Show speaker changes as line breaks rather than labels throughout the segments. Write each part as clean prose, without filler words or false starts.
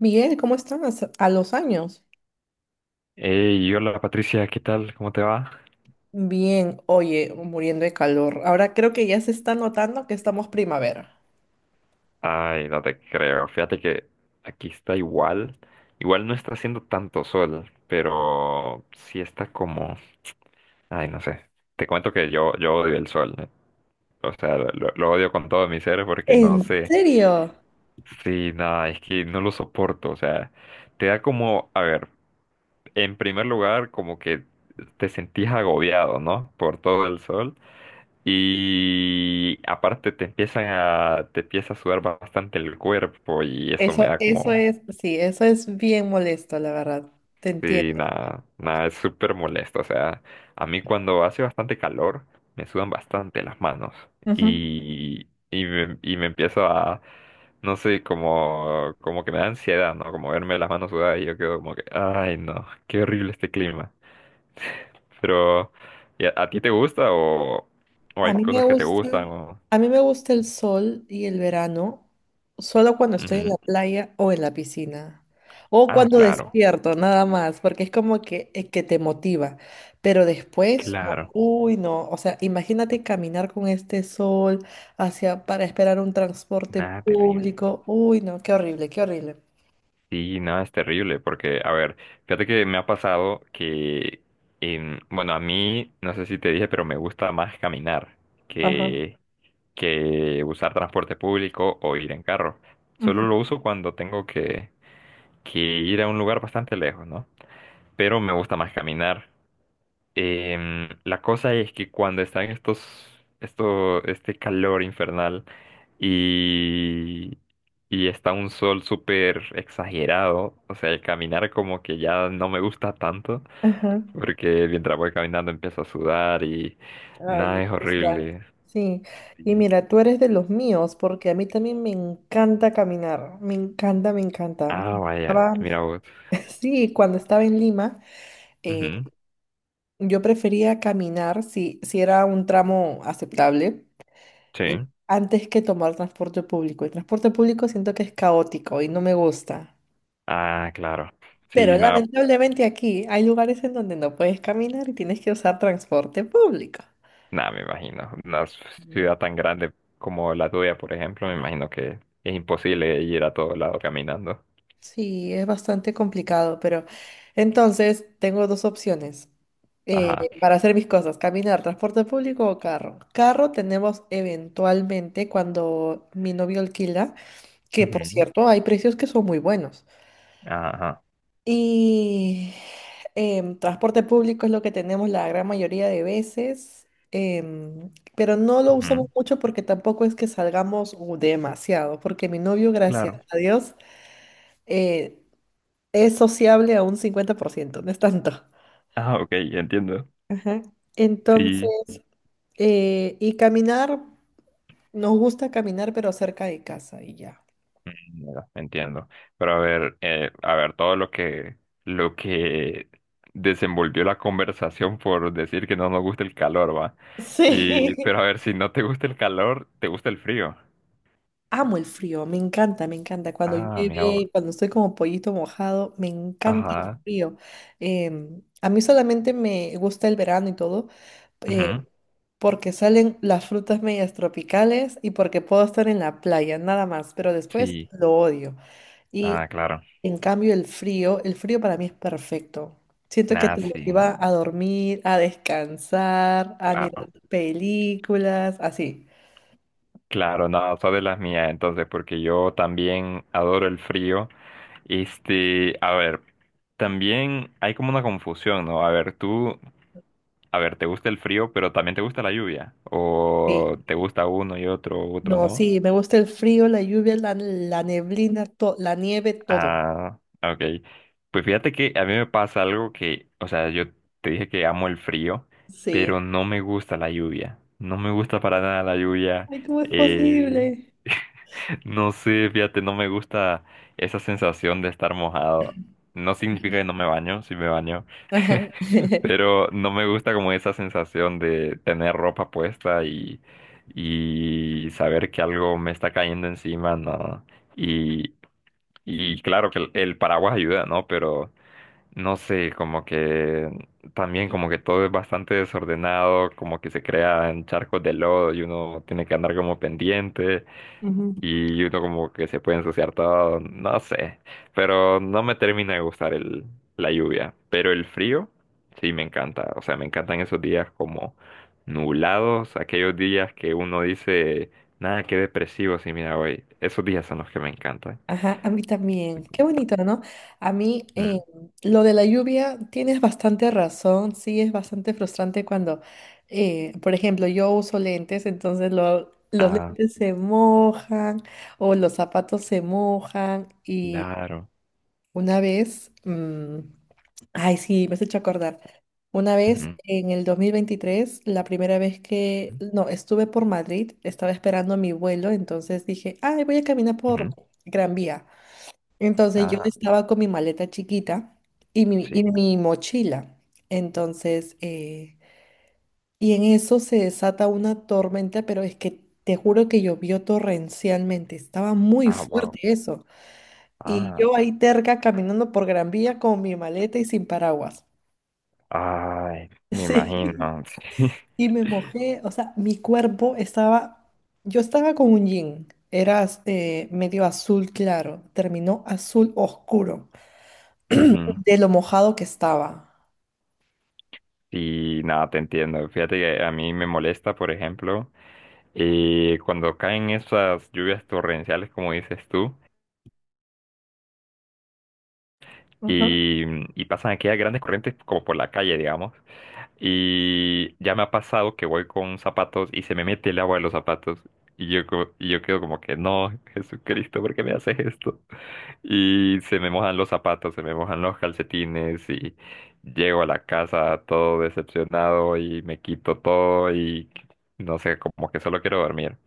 Miguel, ¿cómo estás? A los años.
Hey, hola Patricia, ¿qué tal? ¿Cómo te va?
Bien, oye, muriendo de calor. Ahora creo que ya se está notando que estamos primavera.
Ay, no te creo. Fíjate que aquí está igual. Igual no está haciendo tanto sol, pero sí está como... Ay, no sé. Te cuento que yo odio el sol, ¿eh? O sea, odio con todo mi ser porque no
¿En
sé.
serio?
Sí, nada, es que no lo soporto. O sea, te da como... A ver, en primer lugar, como que te sentís agobiado, ¿no? Por todo el sol. Y aparte te empieza a sudar bastante el cuerpo y eso me
Eso,
da
eso
como,
es, sí, eso es bien molesto, la verdad. Te
sí,
entiendo.
nada, es súper molesto. O sea, a mí cuando hace bastante calor me sudan bastante las manos y me empiezo a, no sé, como que me da ansiedad, ¿no? Como verme las manos sudadas y yo quedo como que, ay, no, qué horrible este clima. Pero, ¿y a ti te gusta o
A
hay
mí me
cosas que te
gusta,
gustan o...
a mí me gusta el sol y el verano solo cuando estoy en
Ujú.
la playa o en la piscina. O
Ah,
cuando
claro,
despierto, nada más, porque es como que te motiva. Pero después, no,
claro.
uy, no. O sea, imagínate caminar con este sol hacia, para esperar un transporte
Nada, terrible.
público. Uy, no, qué horrible, qué horrible.
Sí, nada, es terrible, porque, a ver, fíjate que me ha pasado que, bueno, a mí, no sé si te dije, pero me gusta más caminar
Ajá,
que, que usar transporte público o ir en carro. Solo
ujú,
lo uso cuando tengo que ir a un lugar bastante lejos, ¿no? Pero me gusta más caminar. La cosa es que cuando están este calor infernal y, y está un sol súper exagerado, o sea, el caminar como que ya no me gusta tanto,
ajá.
porque mientras voy caminando empiezo a sudar y
Ay,
nada,
es
es
frustrante.
horrible.
Sí, y
Sí.
mira, tú eres de los míos, porque a mí también me encanta caminar, me encanta, me encanta.
Ah, vaya,
Estaba-
mira vos.
sí, cuando estaba en Lima, eh,
Ujú,
yo prefería caminar si era un tramo aceptable,
Sí.
eh, antes que tomar transporte público. El transporte público siento que es caótico y no me gusta.
Ah, claro.
Pero
Sí, nada,
lamentablemente aquí hay lugares en donde no puedes caminar y tienes que usar transporte público.
Nada, me imagino. Una ciudad tan grande como la tuya, por ejemplo, me imagino que es imposible ir a todo lado caminando.
Sí, es bastante complicado, pero entonces tengo dos opciones
Ajá.
para hacer mis cosas, caminar, transporte público o carro. Carro tenemos eventualmente cuando mi novio alquila, que por
Ujú,
cierto hay precios que son muy buenos.
Ajá.
Y transporte público es lo que tenemos la gran mayoría de veces, pero no lo usamos
Ujú,
mucho porque tampoco es que salgamos demasiado, porque mi novio, gracias
Claro.
a Dios, eh, es sociable a un 50%, no es tanto.
Ah, ok, entiendo.
Ajá.
Sí,
Entonces, y caminar, nos gusta caminar, pero cerca de casa y ya.
mm, ya, entiendo. Pero a ver, todo lo que desenvolvió la conversación por decir que no nos gusta el calor, va. Y, pero a
Sí.
ver, si no te gusta el calor, te gusta el frío.
Amo el frío, me encanta, me encanta. Cuando
Ah, mira vos.
llueve, cuando estoy como pollito mojado, me encanta el
Ajá.
frío. A mí solamente me gusta el verano y todo, eh,
Ujú,
porque salen las frutas medias tropicales y porque puedo estar en la playa, nada más, pero después
Sí.
lo odio. Y
Ah, claro.
en cambio el frío para mí es perfecto. Siento que
Nah,
te
sí,
lleva a dormir, a descansar, a mirar
claro,
películas, así.
claro, no, sos de las mías, entonces, porque yo también adoro el frío. Este, a ver, también hay como una confusión, ¿no? A ver, tú, a ver, ¿te gusta el frío, pero también te gusta la lluvia?
Sí.
¿O te gusta uno y otro, otro
No,
no?
sí, me gusta el frío, la lluvia, la neblina, la nieve, todo.
Ah, ok. Pues fíjate que a mí me pasa algo que, o sea, yo te dije que amo el frío,
Sí.
pero no me gusta la lluvia. No me gusta para nada la lluvia.
Ay, ¿cómo es
Eh,
posible?
No sé, fíjate, no me gusta esa sensación de estar mojado. No significa que no me baño, sí me baño,
Ajá.
pero no me gusta como esa sensación de tener ropa puesta y saber que algo me está cayendo encima, ¿no? Y, y claro que el paraguas ayuda, ¿no? Pero no sé, como que también como que todo es bastante desordenado, como que se crean charcos de lodo y uno tiene que andar como pendiente
Ujú.
y uno como que se puede ensuciar todo, no sé, pero no me termina de gustar la lluvia, pero el frío sí me encanta, o sea, me encantan esos días como nublados, aquellos días que uno dice, nada, qué depresivo, sí, mira, hoy, esos días son los que me encantan.
Ajá, a mí también. Qué bonito, ¿no? A mí
Ujú.
lo de la lluvia, tienes bastante razón, sí, es bastante frustrante cuando, por ejemplo, yo uso lentes, entonces los
Ah,
lentes se mojan o los zapatos se mojan y
claro.
una vez, ay, sí, me has hecho acordar, una vez
Ujú,
en el 2023, la primera vez que, no, estuve por Madrid, estaba esperando mi vuelo, entonces dije, ay, voy a caminar por
ujú.
Gran Vía. Entonces yo
Ah,
estaba con mi maleta chiquita y mi,
sí.
y mi mochila. Entonces, y en eso se desata una tormenta, pero es que te juro que llovió torrencialmente. Estaba muy
Ah, wow.
fuerte eso. Y
Ah,
yo ahí terca caminando por Gran Vía con mi maleta y sin paraguas.
ay, me
Sí.
imagino. Sí.
Y me mojé, o sea, mi cuerpo estaba, yo estaba con un jean, era medio azul claro, terminó azul oscuro
Ujú.
de lo mojado que estaba.
Y nada, te entiendo. Fíjate que a mí me molesta, por ejemplo, cuando caen esas lluvias torrenciales, como dices tú,
Ajá.
y, y pasan aquellas grandes corrientes como por la calle, digamos. Y ya me ha pasado que voy con zapatos y se me mete el agua de los zapatos. Y yo, y yo quedo como que, no, Jesucristo, ¿por qué me haces esto? Y se me mojan los zapatos, se me mojan los calcetines y llego a la casa todo decepcionado y me quito todo y no sé, como que solo quiero dormir.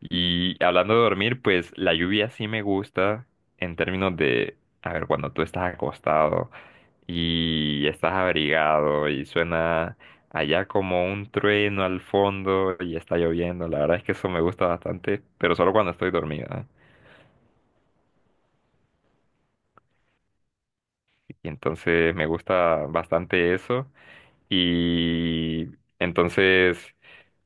Y hablando de dormir, pues la lluvia sí me gusta en términos de, a ver, cuando tú estás acostado y estás abrigado y suena allá como un trueno al fondo y está lloviendo, la verdad es que eso me gusta bastante, pero solo cuando estoy dormida. Y entonces me gusta bastante eso. Y entonces,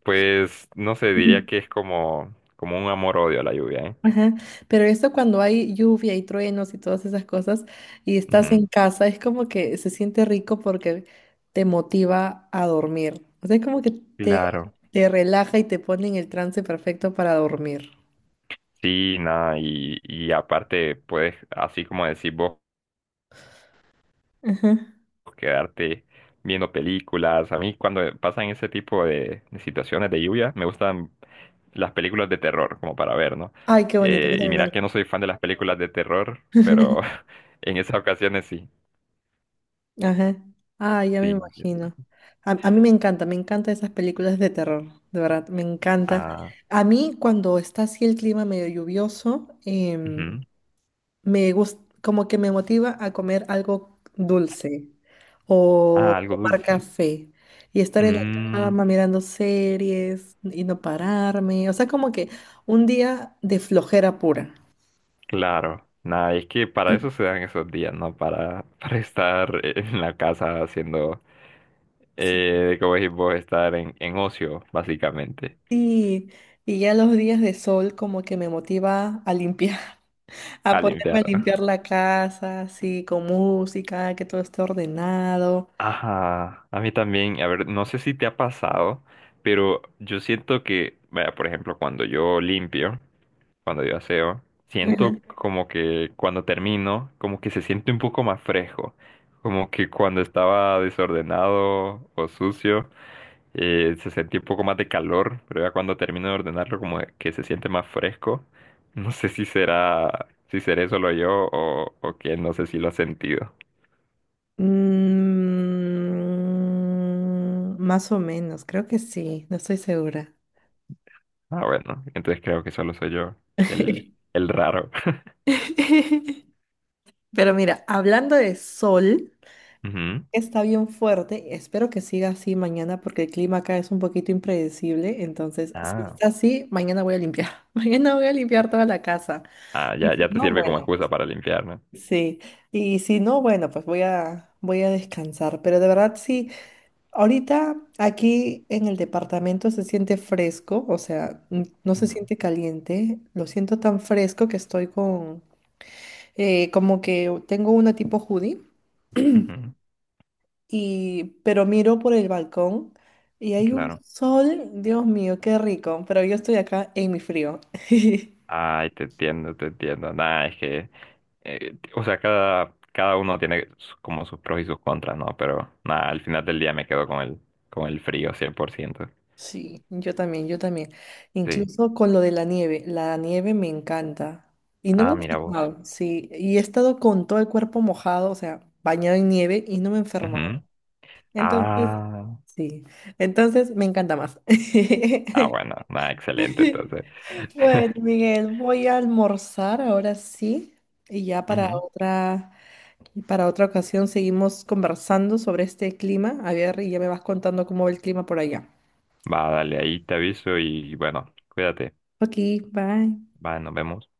pues, no sé, diría
Mm.
que es como, como un amor-odio a la lluvia, ¿eh?
Ajá. Pero esto cuando hay lluvia y truenos y todas esas cosas y estás
Ujú.
en casa, es como que se siente rico porque te motiva a dormir. O sea, es como que te,
Claro.
te relaja y te pone en el trance perfecto para dormir.
Sí, nada, y aparte puedes, así como decís vos,
Ajá.
quedarte viendo películas. A mí cuando pasan ese tipo de situaciones de lluvia, me gustan las películas de terror, como para ver, ¿no?
Ay, qué bonito, yo
Y
también me
mira que
encanta.
no soy fan de las películas de terror, pero en esas ocasiones sí,
Ajá. Ay, ya me
sí.
imagino. A mí me encanta, me encantan esas películas de terror, de verdad, me encanta.
Ah,
A mí cuando está así el clima medio lluvioso,
ujú.
me gusta, como que me motiva a comer algo dulce o
Ah, algo
tomar
dulce.
café y estar en la cama mirando series y no pararme. O sea, como que un día de flojera pura.
Claro, nada, es que para eso se dan esos días, ¿no? Para, para estar en la casa haciendo,
Sí.
como decís vos, estar en ocio, básicamente,
Sí, y ya los días de sol como que me motiva a limpiar, a
a
ponerme a limpiar
limpiar.
la casa, así, con música, que todo esté ordenado.
Ajá, a mí también, a ver, no sé si te ha pasado, pero yo siento que, vaya, por ejemplo, cuando yo limpio, cuando yo aseo, siento como que cuando termino, como que se siente un poco más fresco, como que cuando estaba desordenado o sucio. Eh, se sentía un poco más de calor, pero ya cuando termino de ordenarlo como que se siente más fresco. No sé si será, si seré solo yo o que no sé si lo has sentido.
Mm, más o menos, creo que sí, no estoy segura.
Ah, bueno, entonces creo que solo soy yo el, el raro.
Pero mira, hablando de sol,
Ujú.
está bien fuerte. Espero que siga así mañana porque el clima acá es un poquito impredecible. Entonces, si
Ah,
está así, mañana voy a limpiar. Mañana voy a limpiar toda la casa.
ah,
Y si
ya te
no,
sirve
bueno,
como excusa para limpiar, no.
sí. Y si no, bueno, pues voy a descansar. Pero de verdad, sí. Ahorita aquí en el departamento se siente fresco, o sea, no se
Ujú,
siente caliente. Lo siento tan fresco que estoy con, como que tengo una tipo hoodie,
ujú,
y, pero miro por el balcón y hay un
Claro.
sol, Dios mío, qué rico, pero yo estoy acá en mi frío.
Ay, te entiendo, te entiendo. Nada, es que, o sea, cada uno tiene su- como sus pros y sus contras, ¿no? Pero nada, al final del día me quedo con el frío 100%.
Sí, yo también, yo también.
Sí.
Incluso con lo de la nieve me encanta. Y no me he
Ah, mira vos.
enfermado, sí. Y he estado con todo el cuerpo mojado, o sea, bañado en nieve y no me he enfermado.
Ujú.
Entonces,
Ah,
sí. Entonces me encanta más.
ah, bueno, nada, excelente, entonces.
Bueno, Miguel, voy a almorzar ahora sí. Y ya
Ujú.
para otra ocasión seguimos conversando sobre este clima. A ver, y ya me vas contando cómo va el clima por allá.
Va, dale, ahí te aviso y bueno, cuídate.
Ok, bye.
Va, nos vemos.